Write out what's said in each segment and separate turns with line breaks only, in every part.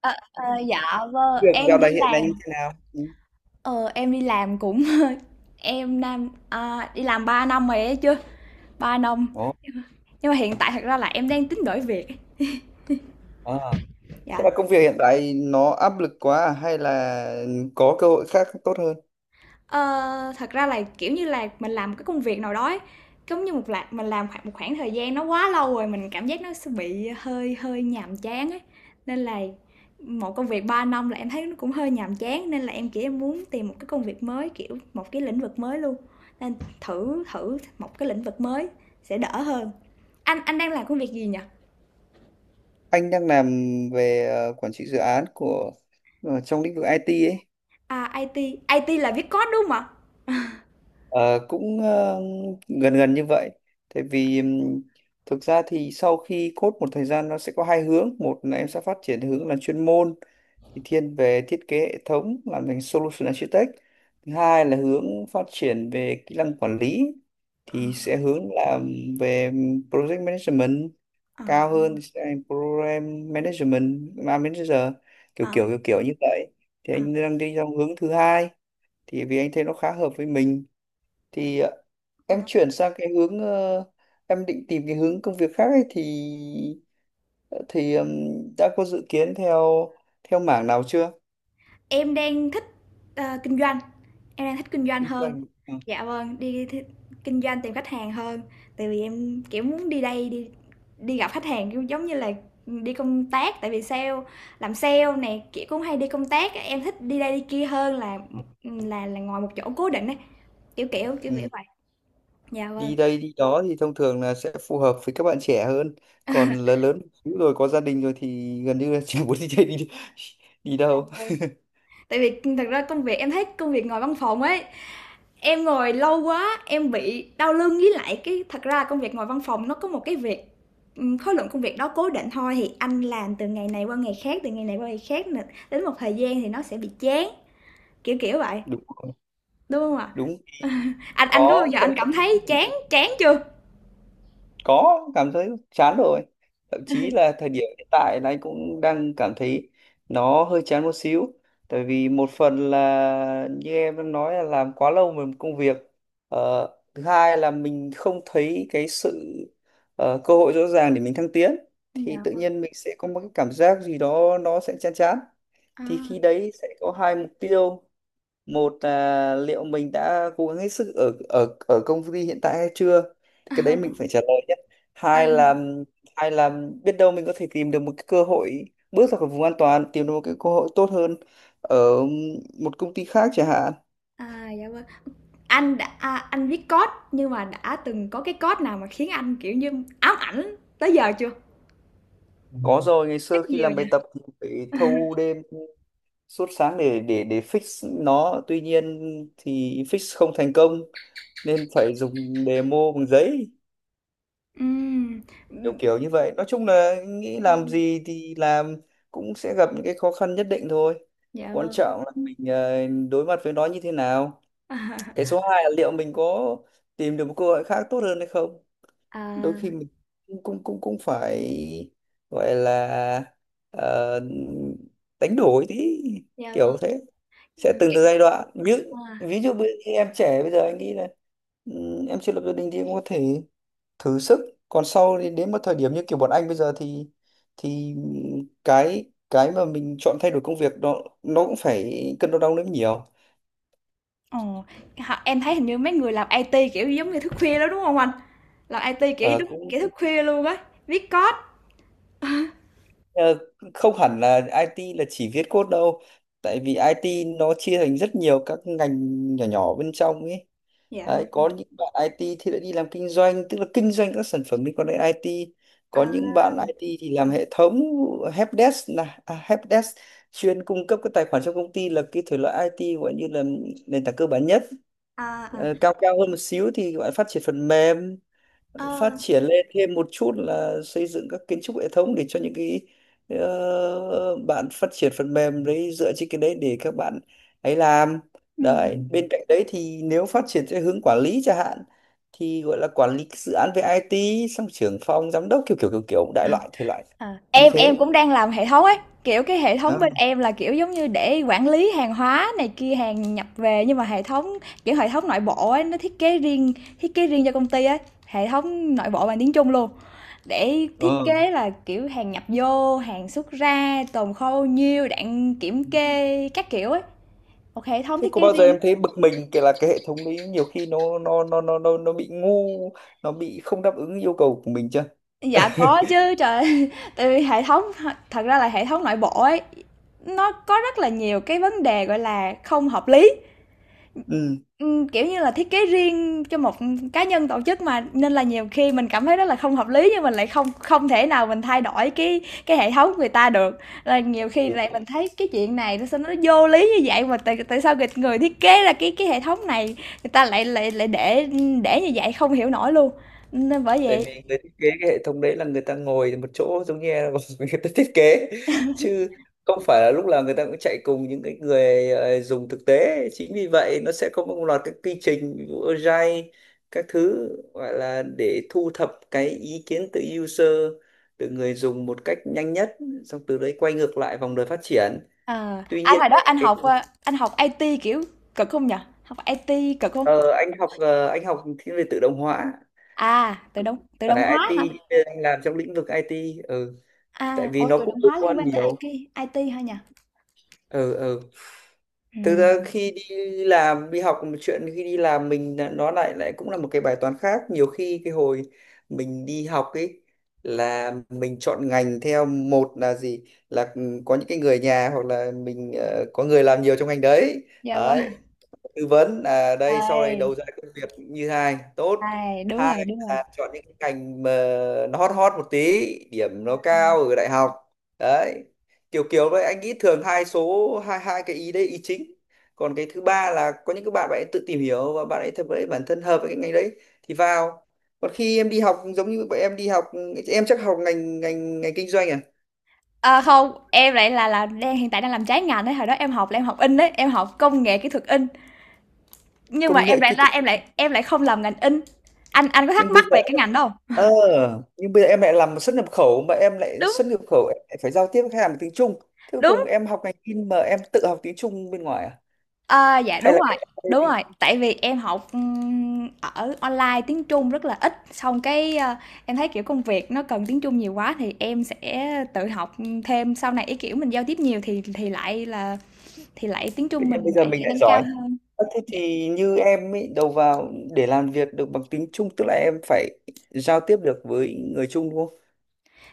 Ờ, dạ vâng
Việc
em
dạo này
đi
hiện nay như
làm.
thế nào? Ừ.
Ờ em đi làm cũng em đang đi làm 3 năm rồi ấy chứ, 3 năm,
Ồ,
nhưng mà hiện tại thật ra là em đang tính đổi việc.
à. Thế
Dạ.
là công việc hiện tại nó áp lực quá à? Hay là có cơ hội khác tốt hơn?
Ờ, Thật ra là, kiểu như là, mình làm một cái công việc nào đó ấy, giống như một là mình làm khoảng một khoảng thời gian nó quá lâu rồi, mình cảm giác nó sẽ bị hơi hơi nhàm chán ấy. Nên là một công việc 3 năm là em thấy nó cũng hơi nhàm chán, nên là em, kiểu, em muốn tìm một cái công việc mới, kiểu, một cái lĩnh vực mới luôn, nên thử thử một cái lĩnh vực mới sẽ đỡ hơn. Anh đang làm công việc gì nhỉ?
Anh đang làm về quản trị dự án của trong lĩnh vực IT ấy.
À, IT, IT là viết code, đúng không ạ?
Ờ, cũng ờ, gần gần như vậy. Tại vì thực ra thì sau khi code một thời gian nó sẽ có hai hướng. Một là em sẽ phát triển hướng là chuyên môn thì thiên về thiết kế hệ thống, làm thành solution architect. Thứ hai là hướng phát triển về kỹ năng quản lý
Ờ,
thì sẽ hướng làm về project management,
ờ,
cao hơn thì sẽ thành program management manager, kiểu
ờ,
kiểu kiểu kiểu như vậy. Thì
ờ,
anh
vâng
đang đi trong hướng thứ hai, thì vì anh thấy nó khá hợp với mình. Thì em
ạ.
chuyển sang cái hướng em định tìm cái hướng công việc khác ấy, thì ờ, thì ừm, đã có dự kiến theo theo mảng nào chưa.
Em đang thích, kinh doanh. Em đang thích kinh doanh
Kinh
hơn.
doanh, ừ.
Dạ vâng, kinh doanh tìm khách hàng hơn. Tại vì em kiểu muốn đi đây đi đi gặp khách hàng kiểu giống như là đi công tác, tại vì sale, làm sale này kiểu cũng hay đi công tác, em thích đi đây đi kia hơn là là ngồi một chỗ cố định ấy, kiểu kiểu kiểu kiểu
Ừ,
vậy. Dạ vâng.
đi đây đi đó thì thông thường là sẽ phù hợp với các bạn trẻ hơn, còn lớn lớn một xíu rồi có gia đình rồi thì gần như là chẳng muốn đi chơi đi đi
Dạ
đâu
vâng, tại vì thật ra công việc, em thấy công việc ngồi văn phòng ấy, em ngồi lâu quá, em bị đau lưng. Với lại cái, thật ra công việc ngồi văn phòng nó có một cái việc, khối lượng công việc đó cố định thôi thì anh làm từ ngày này qua ngày khác, từ ngày này qua ngày khác nè, đến một thời gian thì nó sẽ bị chán, kiểu kiểu vậy,
đúng rồi,
đúng không ạ?
đúng.
Anh có bao
Có
giờ
sẽ
anh cảm thấy chán chán chưa?
có cảm thấy chán rồi, thậm chí là thời điểm hiện tại là anh cũng đang cảm thấy nó hơi chán một xíu. Tại vì một phần là như em đã nói là làm quá lâu về một công việc. ờ, Thứ hai là mình không thấy cái sự cơ hội rõ ràng để mình thăng tiến, thì
Dạ.
tự nhiên mình sẽ có một cái cảm giác gì đó nó sẽ chán chán.
À.
Thì khi đấy sẽ có hai mục tiêu. Một là liệu mình đã cố gắng hết sức ở ở ở công ty hiện tại hay chưa. Thì cái đấy mình
À,
phải trả lời nhé.
à,
Hai là hai là biết đâu mình có thể tìm được một cái cơ hội, bước ra khỏi vùng an toàn, tìm được một cái cơ hội tốt hơn ở một công ty khác chẳng hạn.
à, dạ vâng. Anh đã anh viết code nhưng mà đã từng có cái code nào mà khiến anh kiểu như ám ảnh tới giờ chưa?
Ừ, có rồi. Ngày
Chắc
xưa khi
nhiều
làm
nhỉ?
bài tập thì phải thâu đêm suốt sáng để fix nó. Tuy nhiên thì fix không thành công nên phải dùng demo bằng giấy,
Ừm.
kiểu
Ừm.
kiểu như vậy. Nói chung là nghĩ
À,
làm gì thì làm cũng sẽ gặp những cái khó khăn nhất định thôi.
dạ
Quan
vâng.
trọng là mình đối mặt với nó như thế nào. Cái Ừ. Số 2 là liệu mình có tìm được một cơ hội khác tốt hơn hay không. Đôi
À,
khi mình cũng phải gọi là ờ, đánh đổi tí,
dạ vâng,
kiểu thế. Sẽ từng
kiểu
từ giai đoạn. Ví dụ
à.
ví dụ em trẻ bây giờ anh nghĩ là ừ, em chưa lập gia đình thì em có thể thử sức. Còn sau đến, đến một thời điểm như kiểu bọn anh bây giờ thì thì cái mà mình chọn thay đổi công việc đó nó cũng phải cân đo đong đếm nhiều.
Ồ, họ em thấy hình như mấy người làm IT, kiểu, giống như thức khuya đó đúng không anh? Làm IT, kiểu,
Ờ,
đúng
cũng.
kiểu thức khuya luôn á, viết code.
Ờ, không hẳn là IT là chỉ viết code đâu. Tại vì IT nó chia thành rất nhiều các ngành nhỏ nhỏ bên trong ấy.
Dạ
Đấy,
vâng.
có những bạn IT thì lại đi làm kinh doanh, tức là kinh doanh các sản phẩm liên quan đến IT.
À,
Có những bạn IT thì làm hệ thống helpdesk, là à, helpdesk chuyên cung cấp các tài khoản trong công ty, là cái thể loại IT gọi như là nền tảng cơ bản nhất.
à, à,
Ờ, cao cao hơn một xíu thì gọi là phát triển phần mềm.
ờ.
Phát triển lên thêm một chút là xây dựng các kiến trúc hệ thống để cho những cái bạn phát triển phần mềm đấy dựa trên cái đấy để các bạn ấy làm. Đấy.
Ừm.
Ừ. Bên cạnh đấy thì nếu phát triển theo hướng quản lý chẳng hạn thì gọi là quản lý cái dự án về IT, xong trưởng phòng giám đốc, kiểu kiểu kiểu kiểu đại loại thể loại
Ờ,
như
em
thế.
cũng đang làm hệ thống ấy, kiểu, cái hệ thống
À,
bên em là, kiểu, giống như để quản lý hàng hóa này kia, hàng nhập về, nhưng mà hệ thống, kiểu, hệ thống nội bộ ấy, nó thiết kế riêng, thiết kế riêng cho công ty ấy, hệ thống nội bộ bằng tiếng Trung luôn. Để thiết
ờ.
kế là, kiểu, hàng nhập vô, hàng xuất ra, tồn kho bao nhiêu, đạn kiểm kê các kiểu ấy. Một hệ thống
Thế
thiết
có
kế
bao giờ
riêng.
em thấy bực mình kể là cái hệ thống đấy nhiều khi nó bị ngu, nó bị không đáp ứng yêu cầu của mình chưa.
Dạ có chứ, trời. Tại vì hệ thống, thật ra là hệ thống nội bộ ấy, nó có rất là nhiều cái vấn đề, gọi là, không hợp lý.
Ừ,
Kiểu như là, thiết kế riêng cho một cá nhân, tổ chức mà, nên là nhiều khi mình cảm thấy rất là không hợp lý nhưng mình lại không không thể nào mình thay đổi cái hệ thống người ta được. Là nhiều khi
đúng.
lại mình thấy cái chuyện này nó sao nó vô lý như vậy mà tại tại sao người người thiết kế ra cái hệ thống này người ta lại lại lại để như vậy, không hiểu nổi luôn. Nên bởi
Tại
vậy
vì người thiết kế cái hệ thống đấy là người ta ngồi một chỗ, giống như là người ta thiết kế chứ không phải là lúc nào người ta cũng chạy cùng những cái người dùng thực tế. Chính vì vậy nó sẽ có một loạt các quy trình, ví dụ Agile các thứ, gọi là để thu thập cái ý kiến từ user, từ người dùng một cách nhanh nhất. Xong từ đấy quay ngược lại vòng đời phát triển.
ờ,
Tuy
anh
nhiên
hồi đó
ấy,
anh
cái
học, anh học IT, kiểu, cực không nhỉ? Học IT cực không?
ờ, anh học anh học thiên về tự động hóa
À, tự
và
động
là
hóa hả?
IT, nhưng anh làm trong lĩnh vực IT. Ừ, tại
À,
vì
ủa,
nó
tự
cũng
động
liên
hóa liên
quan
quan tới
nhiều.
IT, IT hả nhỉ?
Ừ. Thực ra
Ừm,
khi đi làm đi học là một chuyện, khi đi làm mình nó lại lại cũng là một cái bài toán khác. Nhiều khi cái hồi mình đi học ấy là mình chọn ngành theo, một là gì, là ừ, có những cái người nhà hoặc là mình có người làm nhiều trong ngành đấy.
dạ vâng.
Đấy, tư vấn là đây sau này đầu
Thầy,
ra công việc như hai tốt.
thầy, Đúng
Hai
rồi, đúng rồi.
là chọn những cái ngành mà nó hot hot một tí, điểm nó cao ở đại học. Đấy, kiểu kiểu đấy, anh nghĩ thường hai số hai hai cái ý đấy ý chính. Còn cái thứ ba là có những cái bạn bạn ấy tự tìm hiểu và bạn ấy thật với bản thân hợp với cái ngành đấy thì vào. Còn khi em đi học giống như bọn em đi học em chắc học ngành ngành ngành kinh doanh à.
À, không, em lại là đang hiện tại đang làm trái ngành đấy, hồi đó em học là em học in đấy, em học công nghệ kỹ thuật in, nhưng mà
Công
em
nghệ
lại
kỹ
ra
thuật,
em lại em không làm ngành in. Anh có thắc
nhưng bây
mắc
giờ
về cái ngành đó hông?
ờ nhưng bây giờ em lại làm xuất nhập khẩu. Mà em lại
Đúng,
xuất nhập khẩu em lại phải giao tiếp với khách hàng bằng tiếng Trung, thế cuối cùng
đúng,
em học ngành in mà em tự học tiếng Trung bên ngoài à,
ờ, dạ
hay là
đúng rồi, tại vì em học, ở online tiếng Trung rất là ít, xong cái, em thấy, kiểu, công việc nó cần tiếng Trung nhiều quá thì em sẽ tự học, thêm, sau này, ý kiểu, mình giao tiếp nhiều thì lại là thì lại tiếng
tự
Trung
nhiên bây
mình
giờ
lại
mình
lại
lại
nâng cao
giỏi.
hơn.
Ờ, thế
Dạ.
thì như em ý, đầu vào để làm việc được bằng tiếng Trung tức là em phải giao tiếp được với người Trung đúng không.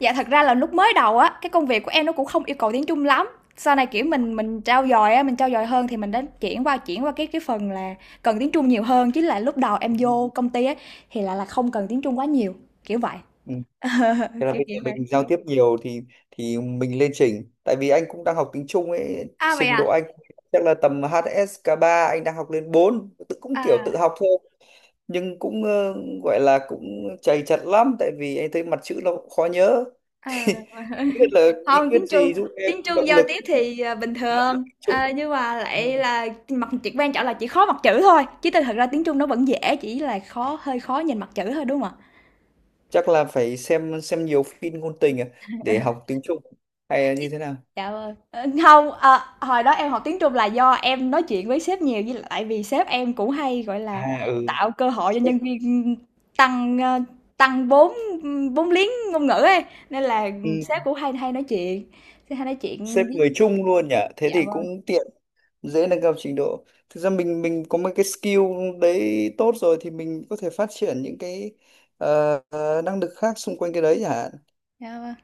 Dạ, thật ra là lúc mới đầu á, cái công việc của em nó cũng không yêu cầu tiếng Trung lắm. Sau này, kiểu, mình trau dồi á, mình trau dồi hơn thì mình đã chuyển qua cái phần là cần tiếng Trung nhiều hơn, chứ là lúc đầu em vô công ty á, thì lại là không cần tiếng Trung quá nhiều, kiểu vậy.
Ừ. Thế là
Kiểu,
bây
kiểu
giờ
vậy.
mình giao tiếp nhiều thì mình lên chỉnh. Tại vì anh cũng đang học tiếng Trung ấy,
À, vậy
trình độ
à?
anh chắc là tầm HSK ba, anh đang học lên bốn, tự cũng kiểu
À.
tự học thôi. Nhưng cũng gọi là cũng chầy chật lắm, tại vì anh thấy mặt chữ nó cũng khó nhớ.
À.
Không biết là bí
Hông,
quyết gì giúp em
tiếng Trung
động
giao
lực
tiếp
nhớ
thì, bình
được
thường,
tiếng Trung.
nhưng mà
Ừ,
lại là mặt chỉ quan trọng là chỉ khó mặt chữ thôi, chứ tinh thật ra tiếng Trung nó vẫn dễ, chỉ là khó hơi khó nhìn mặt chữ thôi, đúng không ạ?
chắc là phải xem nhiều phim ngôn tình à, để học tiếng Trung hay là như thế nào.
Trời ơi, hông, hồi đó em học tiếng Trung là do em nói chuyện với sếp nhiều, với lại vì sếp em cũng hay, gọi là,
À
tạo cơ hội cho
sếp,
nhân viên, tăng, tăng vốn, ưm, vốn liếng ngôn ngữ ấy, nên là,
ừ,
sếp cũng hay hay nói chuyện, sẽ hay nói chuyện
sếp
với.
người Trung luôn nhỉ, thế
Dạ
thì
vâng,
cũng tiện dễ nâng cao trình độ. Thực ra mình có mấy cái skill đấy tốt rồi thì mình có thể phát triển những cái năng lực khác xung quanh cái đấy hả.
dạ vâng.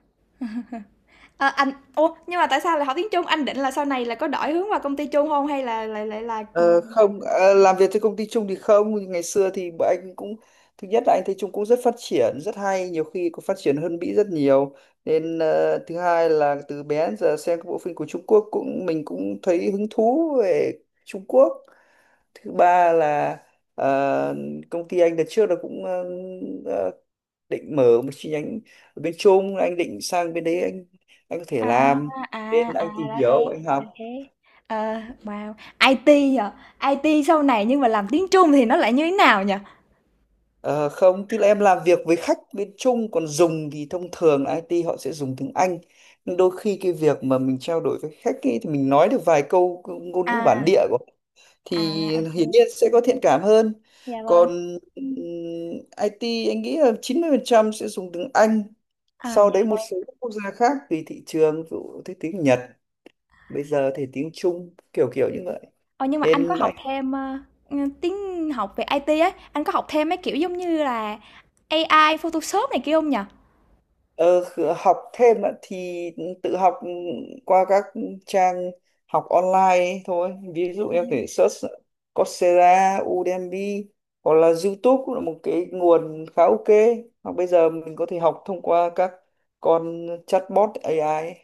Ờ, anh ủa, nhưng mà tại sao lại học tiếng Trung? Anh định là sau này là có đổi hướng vào công ty Trung không hay là lại lại là
Ờ,
ừm.
không làm việc trên công ty Trung thì không. Ngày xưa thì bọn anh cũng, thứ nhất là anh thấy Trung cũng rất phát triển rất hay, nhiều khi còn phát triển hơn Mỹ rất nhiều. Nên thứ hai là từ bé đến giờ xem các bộ phim của Trung Quốc cũng mình cũng thấy hứng thú về Trung Quốc. Thứ ba là ờ, công ty anh đợt trước là cũng ờ, định mở một chi nhánh ở bên Trung, anh định sang bên đấy anh có thể
À,
làm.
à,
Nên
à,
anh tìm
ra thế,
hiểu anh
là
học.
thế. Ờ, wow, IT à? IT sau này nhưng mà làm tiếng Trung thì nó lại như thế nào nhỉ?
Ờ, không, tức là em làm việc với khách bên Trung, còn dùng thì thông thường là IT họ sẽ dùng tiếng Anh. Nhưng đôi khi cái việc mà mình trao đổi với khách ấy, thì mình nói được vài câu ngôn ngữ
À,
bản địa của họ
à,
thì hiển
ok
nhiên sẽ có thiện cảm hơn.
dạ vâng.
Còn IT anh nghĩ là 90% sẽ dùng tiếng Anh.
À,
Sau
dạ
đấy một
vâng.
số các quốc gia khác tùy thị trường, ví dụ thế tiếng Nhật, bây giờ thì tiếng Trung, kiểu kiểu như vậy.
Ờ, nhưng mà anh có
Nên
học
anh
thêm, ưm, tiếng học về IT ấy, anh có học thêm mấy kiểu giống như là AI, Photoshop này kia không nhỉ?
Học thêm ạ, thì tự học qua các trang học online ấy thôi. Ví dụ em có thể search Coursera, Udemy hoặc là YouTube cũng là một cái nguồn khá ok. Hoặc bây giờ mình có thể học thông qua các con chatbot AI ấy,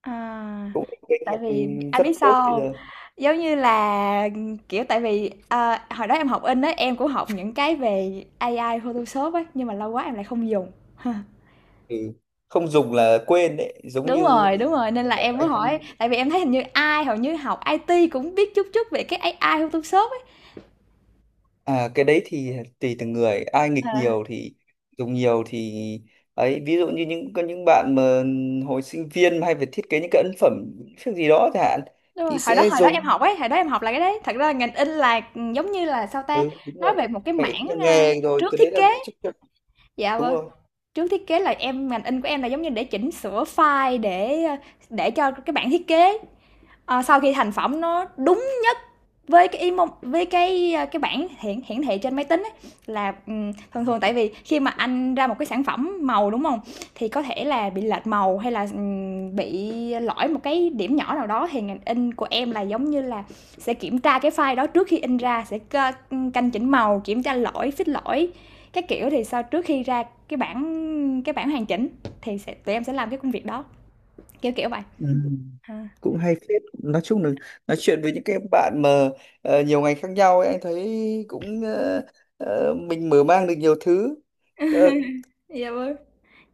À,
cũng là kênh
tại
học
vì anh
rất
biết
tốt bây
sao.
giờ.
Giống như là, kiểu, tại vì, hồi đó em học in á, em cũng học những cái về AI Photoshop ấy, nhưng mà lâu quá em lại không dùng.
Ừ. Không dùng là quên đấy, giống như
Đúng rồi, nên là em mới
anh.
hỏi, tại vì em thấy hình như ai hầu như học IT cũng biết chút chút về cái AI Photoshop ấy.
À, cái đấy thì tùy từng người, ai nghịch
Ờ,
nhiều thì dùng nhiều thì ấy. Ví dụ như có những bạn mà hồi sinh viên mà hay phải thiết kế những cái ấn phẩm việc gì đó chẳng hạn
đúng rồi,
thì sẽ
hồi đó em
dùng.
học ấy, hồi đó em học là cái đấy. Thật ra ngành in là, giống như là, sao ta,
Ừ đúng
nói về
rồi,
một cái
phải ít
mảng,
nhờ
a,
nghề rồi,
trước
cái đấy
thiết
là
kế.
chắc chắn.
Dạ
Đúng
vâng,
rồi.
trước thiết kế là em, ngành in của em là giống như để chỉnh sửa file để, để cho cái bản thiết kế, à, sau khi thành phẩm nó đúng nhất với cái emo với cái cái bảng hiển hiển thị trên máy tính ấy, là ừ, thường thường tại vì khi mà anh ra một cái sản phẩm màu đúng không, thì có thể là bị lệch màu hay là ừ, bị lỗi một cái điểm nhỏ nào đó thì ngành in của em là giống như là sẽ kiểm tra cái file đó trước khi in ra, sẽ canh chỉnh màu, kiểm tra lỗi, fix lỗi các kiểu, thì sau trước khi ra cái bản hoàn chỉnh thì sẽ tụi em sẽ làm cái công việc đó, kiểu kiểu vậy.
Ừ,
À.
cũng hay phết. Nói chung là nói chuyện với những cái bạn mà nhiều ngành khác nhau ấy, anh thấy cũng mình mở mang được nhiều thứ. Ờ,
Dạ vâng.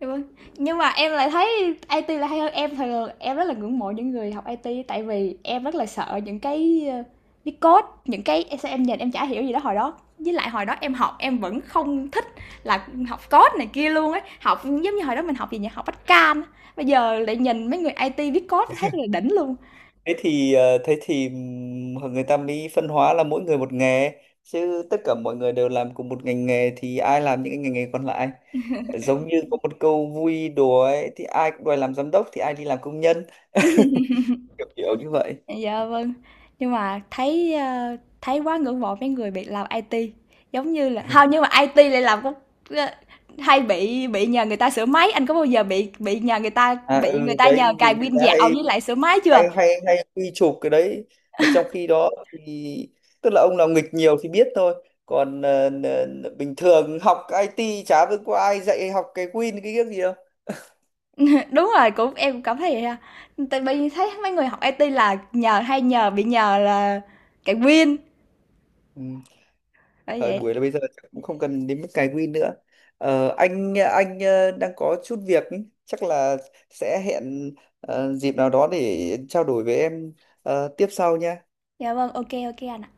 Dạ vâng. Nhưng mà em lại thấy IT là hay hơn, em thường em rất là ngưỡng mộ những người học IT, tại vì em rất là sợ những cái viết code, những cái em nhìn em chả hiểu gì đó hồi đó, với lại hồi đó em học em vẫn không thích là học code này kia luôn ấy, học giống như hồi đó mình học gì nhỉ, học bách can, bây giờ lại nhìn mấy người IT viết code thấy rất là đỉnh luôn.
thế thì người ta mới phân hóa là mỗi người một nghề, chứ tất cả mọi người đều làm cùng một ngành nghề thì ai làm những cái ngành nghề còn lại. Giống như có một câu vui đùa ấy thì ai cũng đòi làm giám đốc thì ai đi làm công nhân, kiểu kiểu như vậy.
Dạ vâng, nhưng mà thấy, thấy quá ngưỡng mộ mấy người bị làm IT, giống như là không, nhưng mà IT lại làm cũng hay bị nhờ người ta sửa máy, anh có bao giờ bị nhờ người ta
À
bị
ừ
người ta
đấy,
nhờ
vì
cài
người
pin
ta
dạo
hay
với lại sửa máy chưa?
hay hay hay quy chụp cái đấy. Mà trong khi đó thì tức là ông nào nghịch nhiều thì biết thôi. Còn bình thường học IT chả biết có ai dạy học cái Win cái gì đâu.
Đúng rồi, cũng em cũng cảm thấy vậy ha. Tại vì thấy mấy người học IT là nhờ hay nhờ bị nhờ là cài pin.
Ừ,
Bởi
thời
vậy.
buổi là bây giờ chắc cũng không cần đến mức cài win nữa. Anh đang có chút việc ý. Chắc là sẽ hẹn dịp nào đó để trao đổi với em tiếp sau nha.
Dạ vâng, ok ok anh ạ.